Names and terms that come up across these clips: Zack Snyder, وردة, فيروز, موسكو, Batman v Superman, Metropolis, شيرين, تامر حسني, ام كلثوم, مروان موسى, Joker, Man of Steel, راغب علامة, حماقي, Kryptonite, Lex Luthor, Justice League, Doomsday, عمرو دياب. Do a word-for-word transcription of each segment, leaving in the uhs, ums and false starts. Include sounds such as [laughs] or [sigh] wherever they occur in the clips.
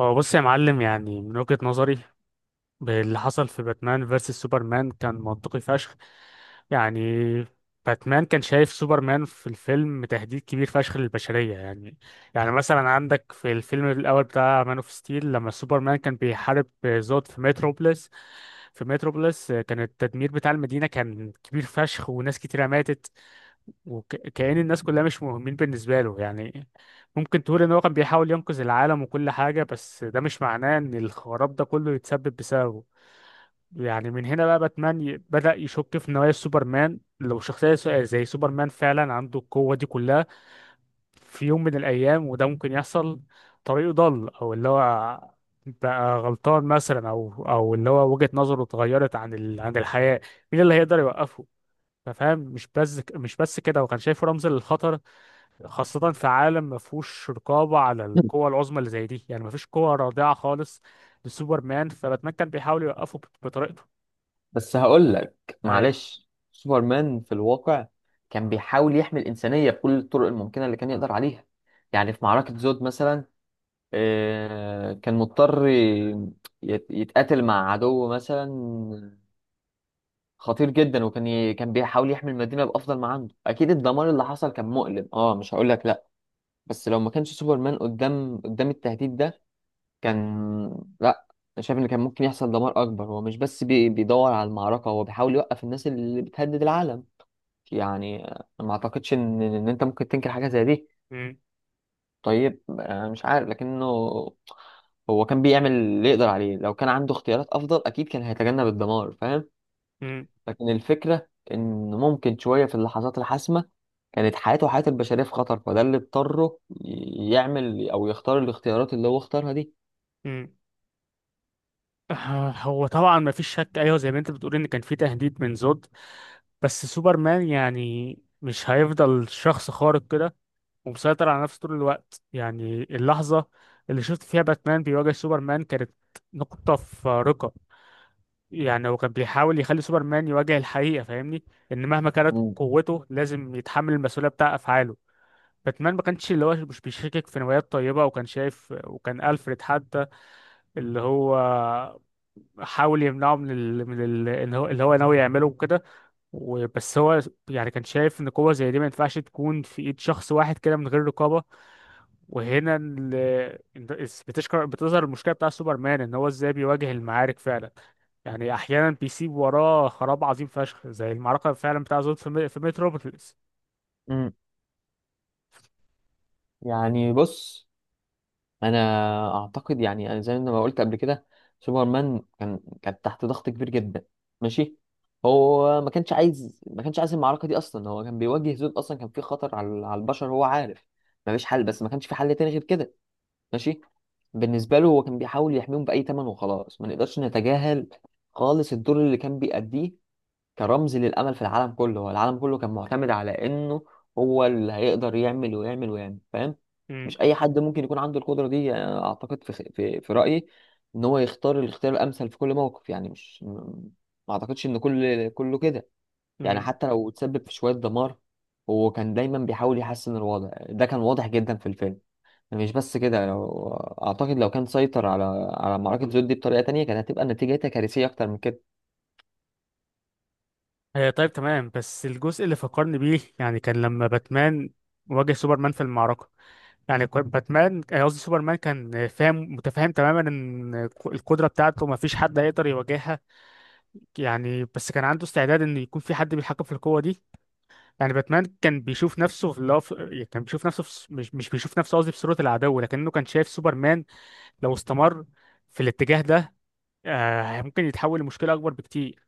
هو بص يا معلم، يعني من وجهة نظري اللي حصل في باتمان فيرسس سوبرمان كان منطقي فشخ، يعني. باتمان كان شايف سوبرمان في الفيلم تهديد كبير فشخ للبشرية، يعني. يعني مثلا عندك في الفيلم الأول بتاع مان اوف ستيل، لما سوبرمان كان بيحارب زود في متروبوليس. في متروبوليس كان التدمير بتاع المدينة كان كبير فشخ، وناس كتيرة ماتت. وكأن الناس كلها مش مهمين بالنسبة له، يعني. ممكن تقول إن هو كان بيحاول ينقذ العالم وكل حاجة، بس ده مش معناه إن الخراب ده كله يتسبب بسببه. يعني من هنا بقى باتمان ي- بدأ يشك في نوايا سوبرمان. لو شخصية س- زي سوبرمان فعلا عنده القوة دي كلها في يوم من الأيام، وده ممكن يحصل. طريقه ضل أو اللي هو بقى غلطان مثلا، أو أو اللي هو وجهة نظره اتغيرت عن ال... عن الحياة. مين اللي هيقدر يوقفه؟ فاهم؟ مش بس مش بس كده، هو كان شايفه رمز للخطر. خاصة في عالم ما فيهوش رقابة على القوى العظمى اللي زي دي، يعني ما فيش قوة رادعة خالص لسوبرمان. فباتمان كان بيحاول يوقفه بط- بطريقته. بس هقول لك أي. معلش سوبرمان في الواقع كان بيحاول يحمي الإنسانية بكل الطرق الممكنة اللي كان يقدر عليها. يعني في معركة زود مثلا آه، كان مضطر ي- يت- يتقاتل مع عدو مثلا خطير جدا، وكان ي- كان بيحاول يحمي المدينة بأفضل ما عنده. أكيد الدمار اللي حصل كان مؤلم، اه مش هقول لك لا. بس لو ما كانش سوبرمان قدام قدام التهديد ده، كان لا، أنا شايف ان كان ممكن يحصل دمار اكبر. هو مش بس بي... بيدور على المعركه، هو بيحاول يوقف الناس اللي بتهدد العالم. يعني آه، ما اعتقدش ان ان انت ممكن تنكر حاجه زي دي. م- طيب آه، مش عارف، لكنه هو كان بيعمل اللي يقدر عليه. لو كان عنده اختيارات افضل، اكيد كان هيتجنب الدمار، فاهم. م- لكن الفكره ان ممكن شويه في اللحظات الحاسمه كانت حياته وحياه البشريه في خطر، فده اللي اضطره ي- يعمل او يختار الاختيارات اللي هو اختارها دي. م. آه، هو طبعا ما فيش شك، أيوه زي ما أنت بتقول إن كان في تهديد من زود. بس سوبرمان يعني مش هيفضل شخص خارق كده ومسيطر على نفسه طول الوقت. يعني اللحظة اللي شفت فيها باتمان بيواجه سوبرمان كانت نقطة فارقة. يعني هو كان بيحاول يخلي سوبرمان يواجه الحقيقة، فاهمني؟ إن مهما كانت مم. قوته لازم يتحمل المسؤولية بتاع أفعاله. باتمان ما كانش، اللي هو، مش بيشكك في نوايات طيبة، وكان شايف، وكان ألفريد حتى اللي هو حاول يمنعه من ال... من ال... إن هو اللي هو ناوي يعمله وكده. وبس هو يعني كان شايف إن قوة زي دي ما ينفعش تكون في إيد شخص واحد كده من غير رقابة. وهنا ال... بتشكر بتظهر المشكلة بتاع سوبرمان إن هو إزاي بيواجه المعارك فعلا. يعني احيانا بيسيب وراه خراب عظيم فشخ زي المعركه فعلا بتاع زود في مي- في متروبوليس. مم. يعني بص، انا اعتقد، يعني أنا زي ما قلت قبل كده، سوبرمان كان كان تحت ضغط كبير جدا، ماشي. هو ما كانش عايز، ما كانش عايز المعركه دي اصلا. هو كان بيواجه زون اصلا، كان في خطر على على البشر، هو عارف ما فيش حل. بس ما كانش في حل تاني غير كده، ماشي. بالنسبه له، هو كان بيحاول يحميهم باي ثمن وخلاص. ما نقدرش نتجاهل خالص الدور اللي كان بيأديه. كان رمز للأمل في العالم كله. هو العالم كله كان معتمد على إنه هو اللي هيقدر يعمل ويعمل ويعمل، فاهم. امم. مش أي حد ممكن يكون عنده القدرة دي. يعني أنا أعتقد، في في, في رأيي، إن هو يختار الاختيار الأمثل في كل موقف. يعني مش م- ما أعتقدش إن كل كله كده. يعني امم. حتى لو تسبب في شوية دمار، هو كان دايما بيحاول يحسن الوضع. ده كان واضح جدا في الفيلم. مش بس كده، لو أعتقد لو كان سيطر على على معركة زود دي بطريقة تانية، كانت هتبقى نتيجتها كارثية أكتر من كده. آه، طيب تمام، بس الجزء اللي فكرني بيه يعني كان لما باتمان واجه سوبرمان في المعركة. يعني كان باتمان، آه، قصدي سوبرمان، كان فاهم متفاهم تماما ان ك- القدرة بتاعته ما فيش حد هيقدر يواجهها. يعني بس كان عنده استعداد ان يكون في حد بيتحكم في القوة دي. يعني باتمان كان بيشوف نفسه في اللي هو، في- كان بيشوف نفسه في... س- مش مش بيشوف نفسه قصدي في صورة العدو، لكنه كان شايف سوبرمان لو استمر في الاتجاه ده آه، ممكن يتحول لمشكلة أكبر بكتير.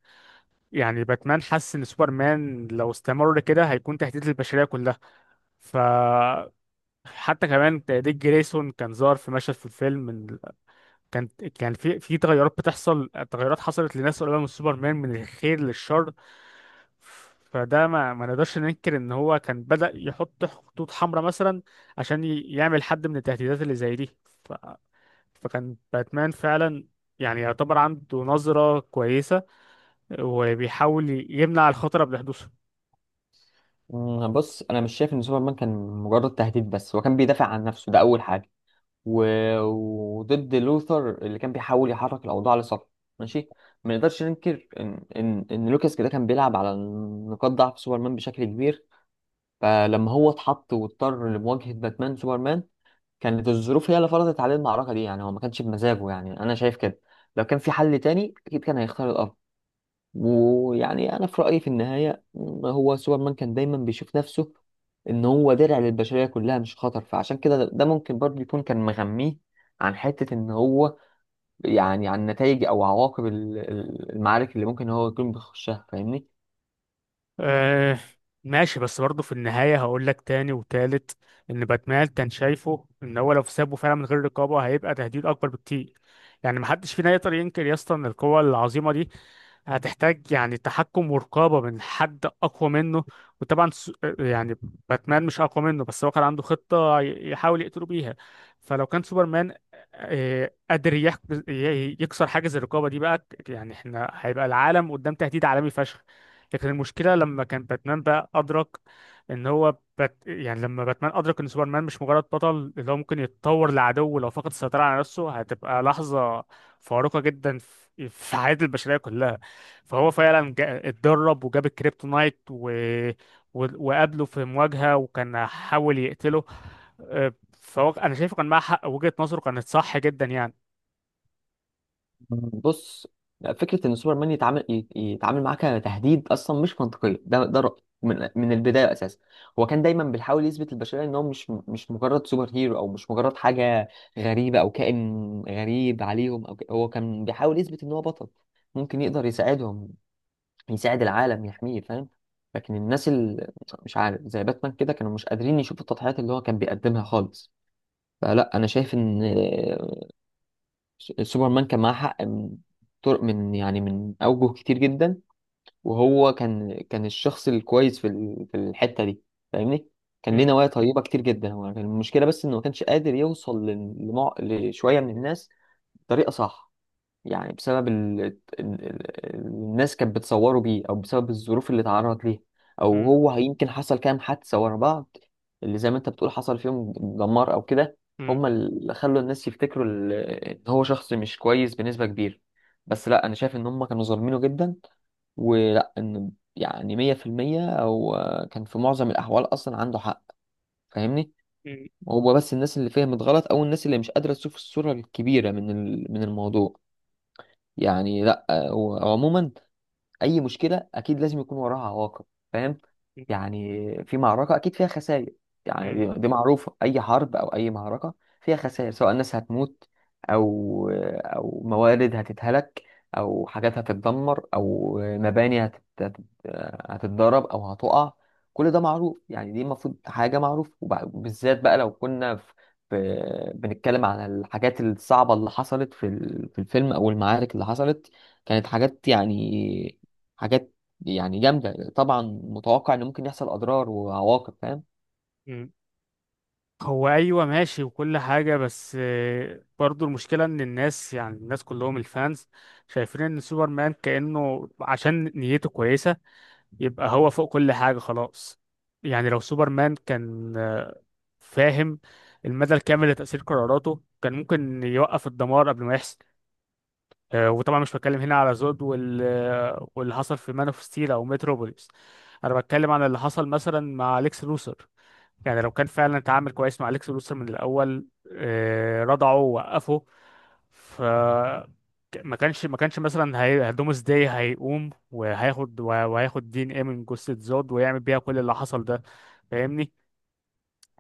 يعني باتمان حس إن سوبرمان لو استمر كده هيكون تهديد للبشرية كلها. ف حتى كمان ديك جريسون كان ظهر في مشهد في الفيلم، من- كان كان في في تغيرات بتحصل، تغيرات حصلت لناس قريبة من سوبرمان من الخير للشر. فده ما ما نقدرش ننكر ان هو كان بدأ يحط خطوط حمراء مثلا عشان ي- يعمل حد من التهديدات اللي زي دي. فكان باتمان فعلا يعني يعتبر عنده نظرة كويسة وبيحاول يمنع الخطر قبل حدوثه. مم، بص، انا مش شايف ان سوبرمان كان مجرد تهديد. بس هو كان بيدافع عن نفسه، ده اول حاجه. و... وضد لوثر اللي كان بيحاول يحرك الاوضاع لصالحه، ماشي. ما نقدرش ننكر ان ان ان لوكاس كده كان بيلعب على نقاط ضعف سوبرمان بشكل كبير. فلما هو اتحط واضطر لمواجهه باتمان، سوبرمان كانت الظروف هي اللي فرضت عليه المعركه دي. يعني هو ما كانش بمزاجه، يعني انا شايف كده. لو كان في حل تاني اكيد كان هيختار. ويعني انا في رايي في النهايه، م- هو سوبرمان كان دايما بيشوف نفسه ان هو درع للبشريه كلها، مش خطر. فعشان كده ده ده ممكن برضه يكون كان مغميه عن حته ان هو، يعني عن نتائج او عواقب ال- ال- المعارك اللي ممكن هو يكون بيخشها، فاهمني. آه، ماشي، بس برضه في النهاية هقول لك تاني وتالت إن باتمان كان شايفه إن هو لو سابه فعلا من غير رقابة هيبقى تهديد أكبر بكتير. يعني محدش فينا يقدر ينكر يا اسطى إن القوة العظيمة دي هتحتاج يعني تحكم ورقابة من حد أقوى منه. وطبعا س- يعني باتمان مش أقوى منه، بس هو كان عنده خطة ي- يحاول يقتله بيها. فلو كان سوبرمان آه، قادر يح- ي- يكسر حاجز الرقابة دي بقى، يعني احنا هيبقى العالم قدام تهديد عالمي فشخ. لكن المشكلة لما كان باتمان بقى أدرك إن هو بات، يعني لما باتمان أدرك إن سوبرمان مش مجرد بطل اللي هو ممكن يتطور لعدو لو فقد السيطرة على نفسه، هتبقى لحظة فارقة جدا في في حياة البشرية كلها. فهو فعلا جا- اتدرب وجاب الكريبتونايت و... و... وقابله في مواجهة وكان حاول يقتله. آه، فهو انا شايفه كان معاه حق، وجهة نظره كانت صح جدا يعني. بص، فكرة إن سوبرمان يتعامل ي- يتعامل معاك كتهديد أصلا مش منطقية. ده ده رأيي من من البداية أساسا. هو كان دايما بيحاول يثبت للبشرية إن هو مش مش مجرد سوبر هيرو، أو مش مجرد حاجة غريبة أو كائن غريب عليهم. أو ك- هو كان بيحاول يثبت إن هو بطل ممكن يقدر يساعدهم، يساعد العالم، يحميه، فاهم. لكن الناس اللي، مش عارف، زي باتمان كده، كانوا مش قادرين يشوفوا التضحيات اللي هو كان بيقدمها خالص. فلا، أنا شايف إن سوبرمان كان معاه حق من طرق، من يعني من أوجه كتير جدا. وهو كان كان الشخص الكويس في ال- في الحتة دي، فاهمني. كان ليه م- نوايا طيبة كتير جدا. هو كان المشكلة بس إنه ما كانش قادر يوصل لل- لمع... لشوية من الناس بطريقة صح. يعني بسبب ال... ال... ال- الناس كانت بتصوره بيه، او بسبب الظروف اللي اتعرض ليها، او م- هو يمكن حصل كام حادثة ورا بعض اللي زي ما انت بتقول حصل فيهم دمار او كده. م- هم اللي خلوا الناس يفتكروا ال- ان هو شخص مش كويس بنسبة كبيرة. بس لا، انا شايف ان هم كانوا ظالمينه جدا. ولا ان يعني مية في المية، او آه، كان في معظم الاحوال اصلا عنده حق، فاهمني. م- هو بس الناس اللي فهمت غلط، او الناس اللي مش قادرة تشوف الصورة الكبيرة من ال- من الموضوع. يعني لا. وعموما، اي مشكله اكيد لازم يكون وراها عواقب، فاهم. م- يعني في معركه اكيد فيها خسائر. يعني م- دي دي معروفه، اي حرب او اي معركه فيها خسائر، سواء ناس هتموت، او او موارد هتتهلك، او حاجات هتتدمر، او مباني هتت... هت- هتتضرب او هتقع. كل ده معروف. يعني دي المفروض حاجه معروفه، وبالذات بقى لو كنا في... في... بنتكلم عن الحاجات الصعبه اللي حصلت في ال- في الفيلم، او المعارك اللي حصلت. كانت حاجات يعني حاجات، يعني جامدة طبعا. متوقع ان ممكن يحصل اضرار وعواقب، فاهم. م. هو ايوه ماشي وكل حاجة، بس آه، برضو المشكلة ان الناس، يعني الناس كلهم، الفانز، شايفين ان سوبرمان كأنه عشان نيته كويسة يبقى هو فوق كل حاجة خلاص. يعني لو سوبرمان كان آه، فاهم المدى الكامل لتأثير قراراته، كان ممكن يوقف الدمار قبل ما يحصل. آه، وطبعا مش بتكلم هنا على زود وال... آه، واللي حصل في مان اوف ستيل او متروبوليس. انا بتكلم عن اللي حصل مثلا مع اليكس لوثر. يعني لو كان فعلا اتعامل كويس مع اليكس لوثر من الاول، آه، رضعه ووقفه. ف ما كانش ما كانش مثلا هي... دومس داي هيقوم وهياخد وهياخد دي ان ايه من جثة زود، ويعمل بيها كل اللي حصل ده، فاهمني؟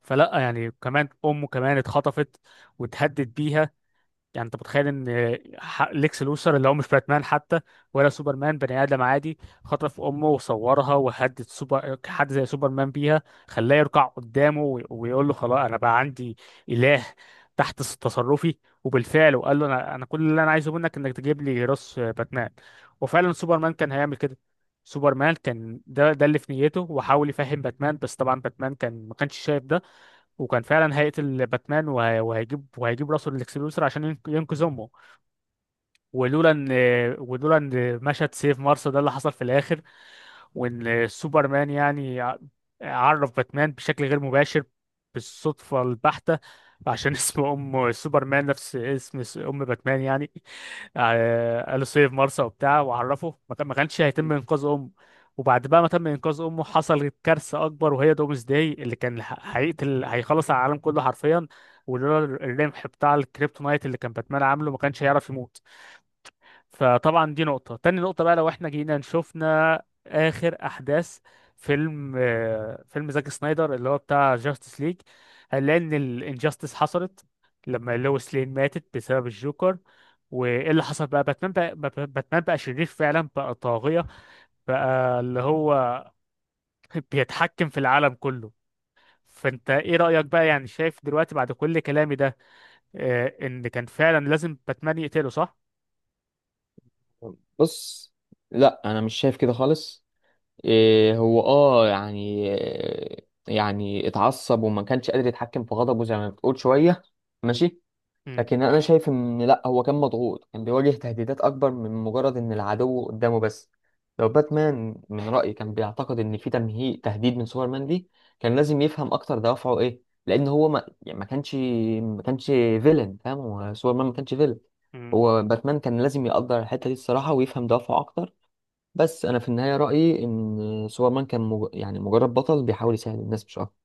فلا، يعني كمان امه كمان اتخطفت واتهدد بيها. يعني انت متخيل ان ح- ليكس لوثر اللي هو مش باتمان حتى ولا سوبرمان، بني ادم عادي، خطف امه وصورها وهدد سوبر حد زي سوبرمان بيها، خلاه يركع قدامه وي- ويقول له خلاص انا بقى عندي اله تحت س- تصرفي. وبالفعل وقال له انا انا كل اللي انا عايزه منك انك تجيب لي راس باتمان. وفعلا سوبرمان كان هيعمل كده. سوبرمان كان ده ده اللي في نيته، وحاول يفهم باتمان، بس طبعا باتمان كان ما كانش شايف ده. وكان فعلا هيقتل باتمان وه- وهيجيب وهيجيب راسه للاكسبلوسر عشان ينق- ينقذ امه. ولولا ان ولولا ان مشهد سيف مارس ده اللي حصل في الاخر، وان سوبرمان يعني ع- عرف باتمان بشكل غير مباشر بالصدفة البحتة عشان [laughs] اسم ام سوبرمان نفس اسم س- ام باتمان، يعني. آه، قالوا سيف مارسا وبتاع وعرفه، ما كان- ما كانش هيتم انقاذ امه. وبعد بقى ما تم انقاذ امه، حصلت كارثه اكبر، وهي دومز داي اللي كان ه- هيقتل هيخلص على العالم كله حرفيا. ولولا الرمح بتاع الكريبتونايت اللي كان باتمان عامله، ما كانش هيعرف يموت. فطبعا دي نقطة. تاني نقطة بقى، لو احنا جينا شفنا آخر أحداث فيلم، آه، فيلم زاك سنايدر اللي هو بتاع جاستس ليج، هنلاقي إن الانجاستس حصلت لما لويس لين ماتت بسبب الجوكر. وإيه اللي حصل؟ بقى باتمان، بقى بقى- باتمان بقى شرير فعلا، بقى طاغية، بقى اللي هو [laughs] بيتحكم في العالم كله. فأنت إيه رأيك بقى؟ يعني شايف دلوقتي بعد كل كلامي ده آه، إن كان فعلا لازم باتمان يقتله، صح؟ بص، لا انا مش شايف كده خالص. إيه هو اه يعني، يعني اتعصب وما كانش قادر يتحكم في غضبه زي ما بتقول شويه، ماشي. لكن انا شايف ان لا، هو كان مضغوط، كان بيواجه تهديدات اكبر من مجرد ان العدو قدامه بس. لو باتمان من رأيي كان بيعتقد ان في تمهيد تهديد من سوبرمان دي، كان لازم يفهم اكتر دوافعه ايه. لان هو ما يعني ما كانش ما كانش فيلن، فاهم. هو سوبرمان ما كانش فيلن. مم. هو باتمان كان لازم يقدر الحتة دي الصراحة، ويفهم دوافعه اكتر. بس انا في النهاية رأيي ان سوبرمان كان مج... يعني مجرد بطل بيحاول يساعد الناس مش اكتر.